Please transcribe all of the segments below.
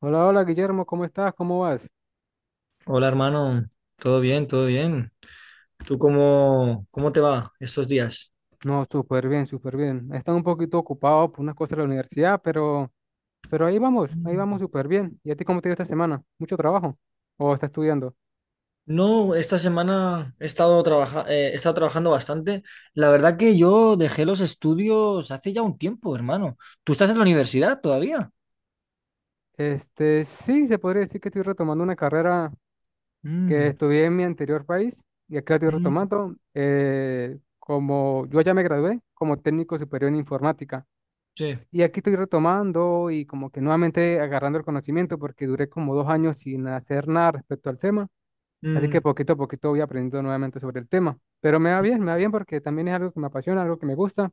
Hola, hola Guillermo, ¿cómo estás? ¿Cómo vas? Hola hermano, todo bien, todo bien. ¿Tú cómo te va estos días? No, súper bien, súper bien. He estado un poquito ocupado por unas cosas de la universidad, pero ahí vamos súper bien. ¿Y a ti cómo te ha ido esta semana? ¿Mucho trabajo? ¿O estás estudiando? No, esta semana he estado he estado trabajando bastante. La verdad que yo dejé los estudios hace ya un tiempo, hermano. ¿Tú estás en la universidad todavía? Este, sí, se podría decir que estoy retomando una carrera que Mm, estudié en mi anterior país y aquí la estoy mm, retomando. Como yo ya me gradué como técnico superior en informática sí. y aquí estoy retomando y como que nuevamente agarrando el conocimiento porque duré como 2 años sin hacer nada respecto al tema. Así que Mm, poquito a poquito voy aprendiendo nuevamente sobre el tema. Pero me va bien porque también es algo que me apasiona, algo que me gusta.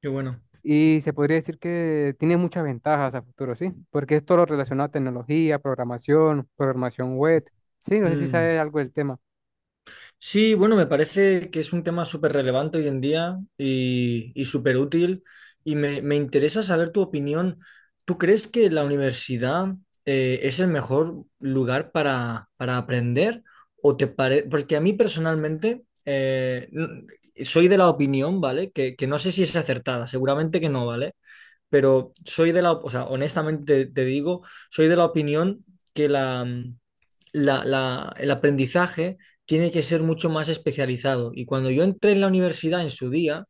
qué bueno. Y se podría decir que tiene muchas ventajas a futuro, ¿sí? Porque es todo lo relacionado a tecnología, programación, programación web. Sí, no sé si Mm. sabes algo del tema. Sí, bueno, me parece que es un tema súper relevante hoy en día y súper útil y me interesa saber tu opinión. ¿Tú crees que la universidad es el mejor lugar para aprender? Porque a mí personalmente soy de la opinión, ¿vale? Que no sé si es acertada, seguramente que no, ¿vale? Pero soy de la, o sea, honestamente te digo, soy de la opinión que la el aprendizaje tiene que ser mucho más especializado. Y cuando yo entré en la universidad en su día,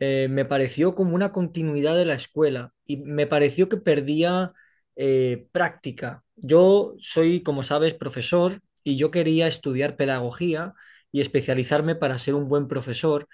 me pareció como una continuidad de la escuela y me pareció que perdía práctica. Yo soy, como sabes, profesor y yo quería estudiar pedagogía y especializarme para ser un buen profesor,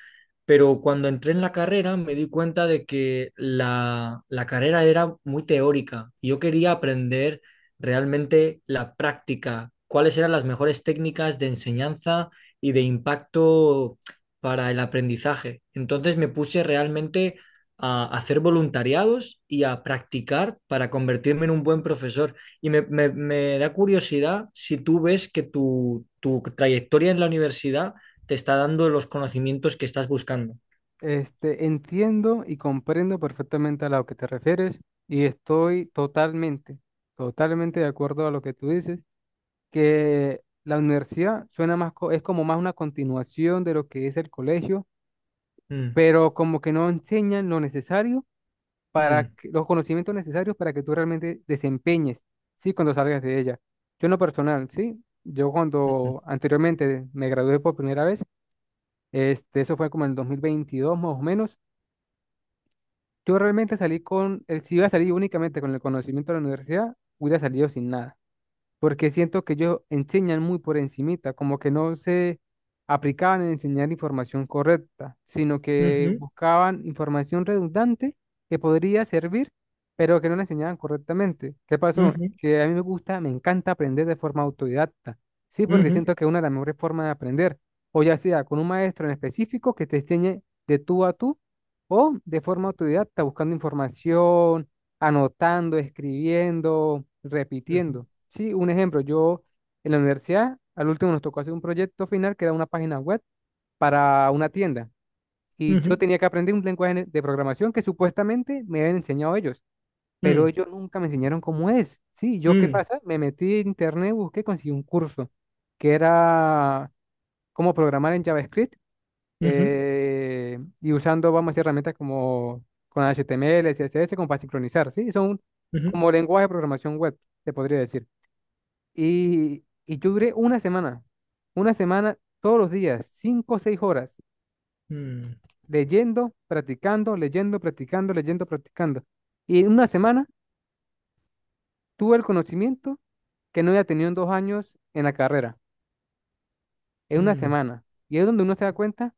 pero cuando entré en la carrera me di cuenta de que la carrera era muy teórica y yo quería aprender realmente la práctica, cuáles eran las mejores técnicas de enseñanza y de impacto para el aprendizaje. Entonces me puse realmente a hacer voluntariados y a practicar para convertirme en un buen profesor. Y me da curiosidad si tú ves que tu trayectoria en la universidad te está dando los conocimientos que estás buscando. Este, entiendo y comprendo perfectamente a lo que te refieres y estoy totalmente, totalmente de acuerdo a lo que tú dices, que la universidad suena más, es como más una continuación de lo que es el colegio, Mm, pero como que no enseñan lo necesario mm, los conocimientos necesarios para que tú realmente desempeñes, ¿sí? Cuando salgas de ella. Yo en lo personal, ¿sí? Yo mm, cuando anteriormente me gradué por primera vez, este, eso fue como en el 2022 más o menos, yo realmente salí si iba a salir únicamente con el conocimiento de la universidad, hubiera salido sin nada porque siento que ellos enseñan muy por encimita, como que no se aplicaban en enseñar información correcta, sino que ujú, buscaban información redundante que podría servir, pero que no la enseñaban correctamente. ¿Qué pasó? ujú, Que a mí me gusta, me encanta aprender de forma autodidacta, sí, porque ujú, siento que es una de las mejores formas de aprender, o ya sea con un maestro en específico que te enseñe de tú a tú, o de forma autodidacta, buscando información, anotando, escribiendo, repitiendo. Sí, un ejemplo, yo en la universidad, al último nos tocó hacer un proyecto final que era una página web para una tienda. ujú, Y yo ujú, tenía que aprender un lenguaje de programación que supuestamente me habían enseñado ellos, pero mm, ellos nunca me enseñaron cómo es. Sí, ¿yo qué mm, pasa? Me metí en internet, busqué, conseguí un curso que era cómo programar en JavaScript ujú, y usando, vamos a decir, herramientas como con HTML, CSS, como para sincronizar, ¿sí? Son ujú, como lenguaje de programación web, se podría decir. Y yo duré una semana todos los días, 5 o 6 horas, mm, leyendo, practicando, leyendo, practicando, leyendo, practicando. Y en una semana tuve el conocimiento que no había tenido en 2 años en la carrera, en una mm. semana. Y es donde uno se da cuenta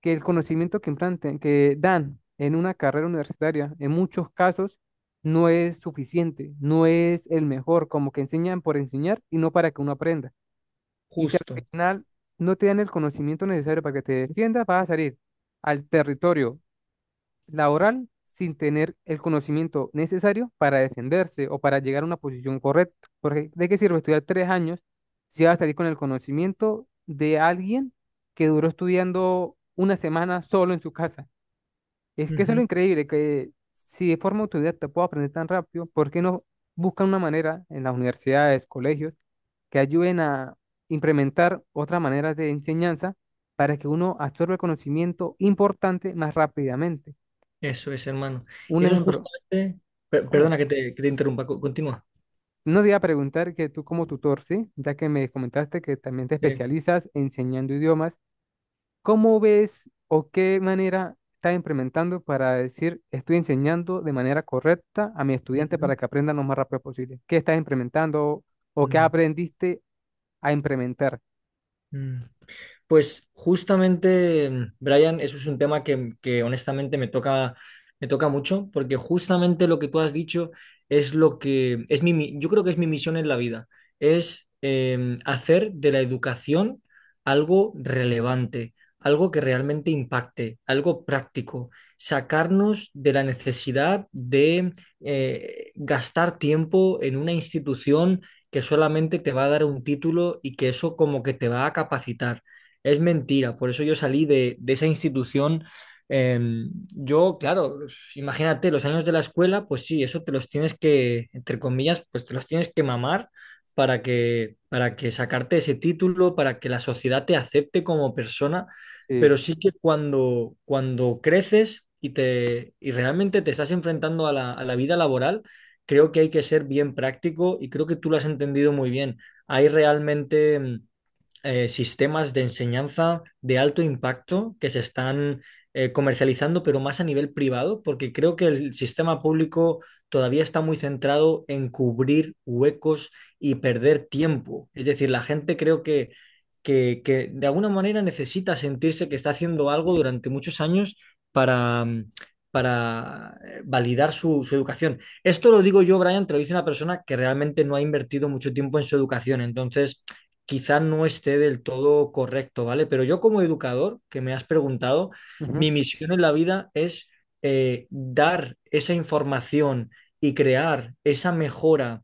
que el conocimiento que implanten, que dan en una carrera universitaria, en muchos casos, no es suficiente, no es el mejor, como que enseñan por enseñar y no para que uno aprenda. Y si al Justo. final no te dan el conocimiento necesario para que te defiendas, vas a salir al territorio laboral sin tener el conocimiento necesario para defenderse o para llegar a una posición correcta. Porque ¿de qué sirve estudiar 3 años si vas a salir con el conocimiento de alguien que duró estudiando una semana solo en su casa? Y es que eso es lo increíble, que si de forma autodidacta puedo aprender tan rápido, ¿por qué no buscan una manera en las universidades, colegios, que ayuden a implementar otras maneras de enseñanza para que uno absorba el conocimiento importante más rápidamente? Eso es, hermano. Y Un eso es ejemplo, justamente. Perdona ¿cómo? que te interrumpa, continúa. No te iba a preguntar que tú como tutor, ¿sí? Ya que me comentaste que también te Sí. especializas enseñando idiomas. ¿Cómo ves o qué manera estás implementando para decir estoy enseñando de manera correcta a mis estudiantes Ujú, para que aprendan lo más rápido posible? ¿Qué estás implementando o qué mm, aprendiste a implementar? mm. Pues justamente, Brian, eso es un tema que honestamente me toca mucho, porque justamente lo que tú has dicho es lo que es yo creo que es mi misión en la vida, es hacer de la educación algo relevante, algo que realmente impacte, algo práctico, sacarnos de la necesidad de gastar tiempo en una institución que solamente te va a dar un título y que eso como que te va a capacitar. Es mentira, por eso yo salí de esa institución. Eh, yo, claro, imagínate, los años de la escuela, pues sí, eso te los tienes que, entre comillas, pues te los tienes que mamar para que, sacarte ese título, para que la sociedad te acepte como persona, Sí, pero sí que cuando creces y realmente te estás enfrentando a la vida laboral, creo que hay que ser bien práctico y creo que tú lo has entendido muy bien. Hay realmente sistemas de enseñanza de alto impacto que se están comercializando, pero más a nivel privado, porque creo que el sistema público todavía está muy centrado en cubrir huecos y perder tiempo. Es decir, la gente creo que de alguna manera necesita sentirse que está haciendo algo durante muchos años para... mm, para validar su educación. Esto lo digo yo, Brian, te lo dice una persona que realmente no ha invertido mucho tiempo en su educación. Entonces, quizá no esté del todo correcto, ¿vale? Pero yo como educador, que me has preguntado, ujú, mi misión en la vida es dar esa información y crear esa mejora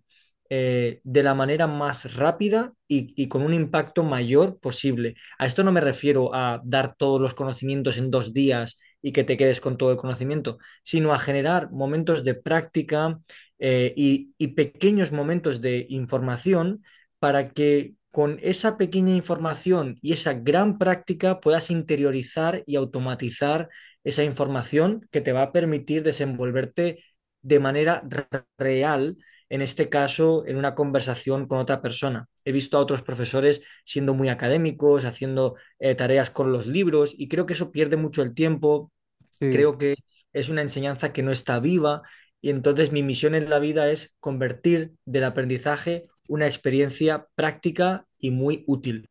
de la manera más rápida y con un impacto mayor posible. A esto no me refiero a dar todos los conocimientos en 2 días y que te quedes con todo el conocimiento, sino a generar momentos de práctica y pequeños momentos de información para que con esa pequeña información y esa gran práctica puedas interiorizar y automatizar esa información que te va a permitir desenvolverte de manera real, en este caso, en una conversación con otra persona. He visto a otros profesores siendo muy académicos, haciendo tareas con los libros y creo que eso pierde mucho el tiempo. sí, Creo que es una enseñanza que no está viva y entonces mi misión en la vida es convertir del aprendizaje una experiencia práctica y muy útil.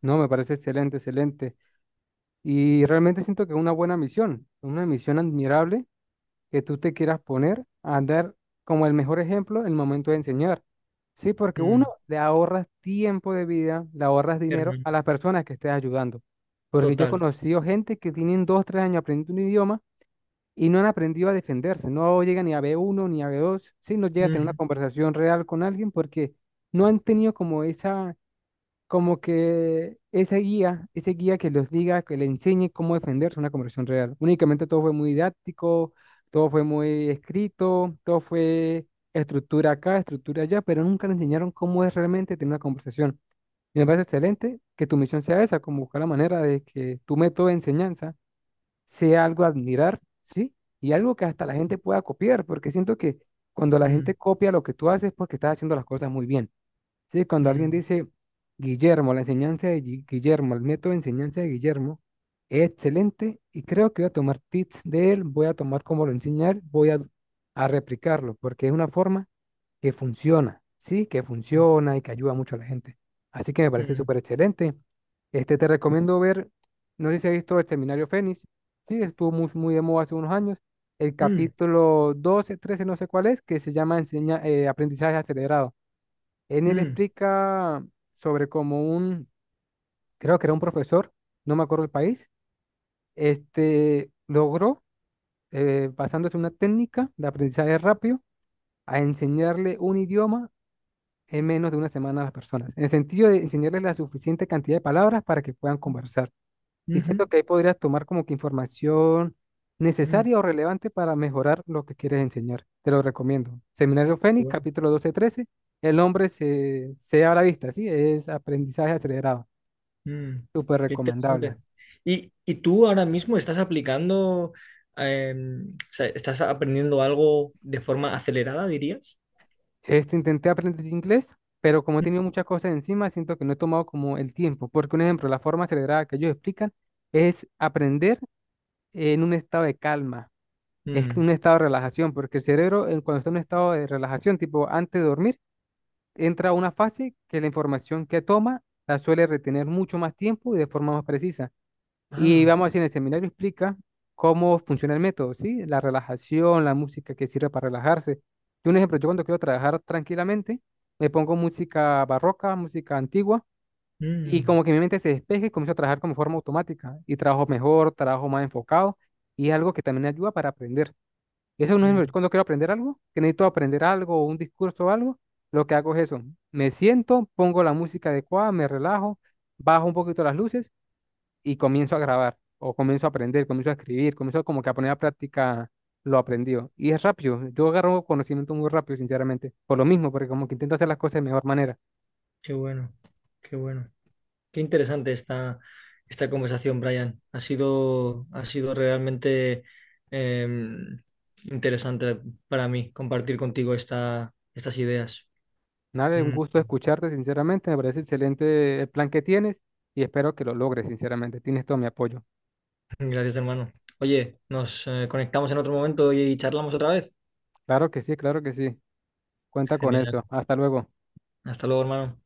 no, me parece excelente, excelente. Y realmente siento que es una buena misión, una misión admirable que tú te quieras poner a dar como el mejor ejemplo en el momento de enseñar. Sí, porque uno Mm, le ahorras tiempo de vida, le ahorras dinero hermano. a las personas que estés ayudando. Porque yo he Total. conocido gente que tienen 2, 3 años aprendiendo un idioma y no han aprendido a defenderse. No llegan ni a B1 ni a B2. Sí, no llegan a tener una Ujú, conversación real con alguien porque no han tenido como esa, como que ese guía que los diga, que le enseñe cómo defenderse en una conversación real. Únicamente todo fue muy didáctico, todo fue muy escrito, todo fue estructura acá, estructura allá, pero nunca le enseñaron cómo es realmente tener una conversación. Y me parece excelente que tu misión sea esa, como buscar la manera de que tu método de enseñanza sea algo a admirar, ¿sí? Y algo que hasta la gente pueda copiar, porque siento que cuando la gente mm, copia lo que tú haces es porque estás haciendo las cosas muy bien. Sí, cuando alguien mm, dice Guillermo, la enseñanza de Guillermo, el método de enseñanza de Guillermo es excelente y creo que voy a tomar tips de él, voy a tomar cómo lo enseña él, voy a replicarlo, porque es una forma que funciona, sí, que funciona y que ayuda mucho a la gente. Así que me parece mm, súper excelente. Este, te recomiendo ver, no sé si has visto el seminario Fénix, sí, estuvo muy, muy de moda hace unos años, el mm, capítulo 12 13 no sé cuál es, que se llama aprendizaje acelerado. En él mm, explica sobre cómo un, creo que era un profesor, no me acuerdo el país, este logró, basándose en una técnica de aprendizaje rápido, a enseñarle un idioma en menos de una semana a las personas. En el sentido de enseñarles la suficiente cantidad de palabras para que puedan conversar. Y ujú, siento que ahí podrías tomar como que información mm. necesaria o relevante para mejorar lo que quieres enseñar. Te lo recomiendo. Seminario Qué Fénix, bueno, capítulo 12 13. El hombre se abre la vista, ¿sí? Es aprendizaje acelerado. mm. Súper Qué interesante. recomendable. ¿Y tú ahora mismo estás aplicando, eh, o sea, estás aprendiendo algo de forma acelerada, dirías? Este intenté aprender inglés, pero como he tenido muchas cosas encima, siento que no he tomado como el tiempo. Porque un ejemplo, la forma acelerada que ellos explican es aprender en un estado de calma. Es Mm, un estado de relajación, porque el cerebro, cuando está en un estado de relajación, tipo antes de dormir, entra a una fase que la información que toma la suele retener mucho más tiempo y de forma más precisa. Y ah, vamos a decir, en el seminario explica cómo funciona el método, ¿sí? La relajación, la música que sirve para relajarse. Yo, un ejemplo, yo cuando quiero trabajar tranquilamente, me pongo música barroca, música antigua, y mm, como que mi mente se despeje y comienzo a trabajar como forma automática. Y trabajo mejor, trabajo más enfocado, y es algo que también ayuda para aprender. Eso es no mm. es cuando quiero aprender algo, que necesito aprender algo o un discurso o algo, lo que hago es eso. Me siento, pongo la música adecuada, me relajo, bajo un poquito las luces y comienzo a grabar o comienzo a aprender, comienzo a escribir, comienzo como que a poner a práctica lo aprendido. Y es rápido, yo agarro conocimiento muy rápido, sinceramente, por lo mismo, porque como que intento hacer las cosas de mejor manera. Qué bueno, qué bueno. Qué interesante esta conversación, Brian. Ha sido realmente eh, interesante para mí compartir contigo estas ideas. Nada, un Mm, gusto escucharte, sinceramente, me parece excelente el plan que tienes y espero que lo logres, sinceramente. Tienes todo mi apoyo. gracias, hermano. Oye, nos conectamos en otro momento y charlamos otra vez. Claro que sí, claro que sí. Cuenta con Genial. eso. Hasta luego. Hasta luego, hermano.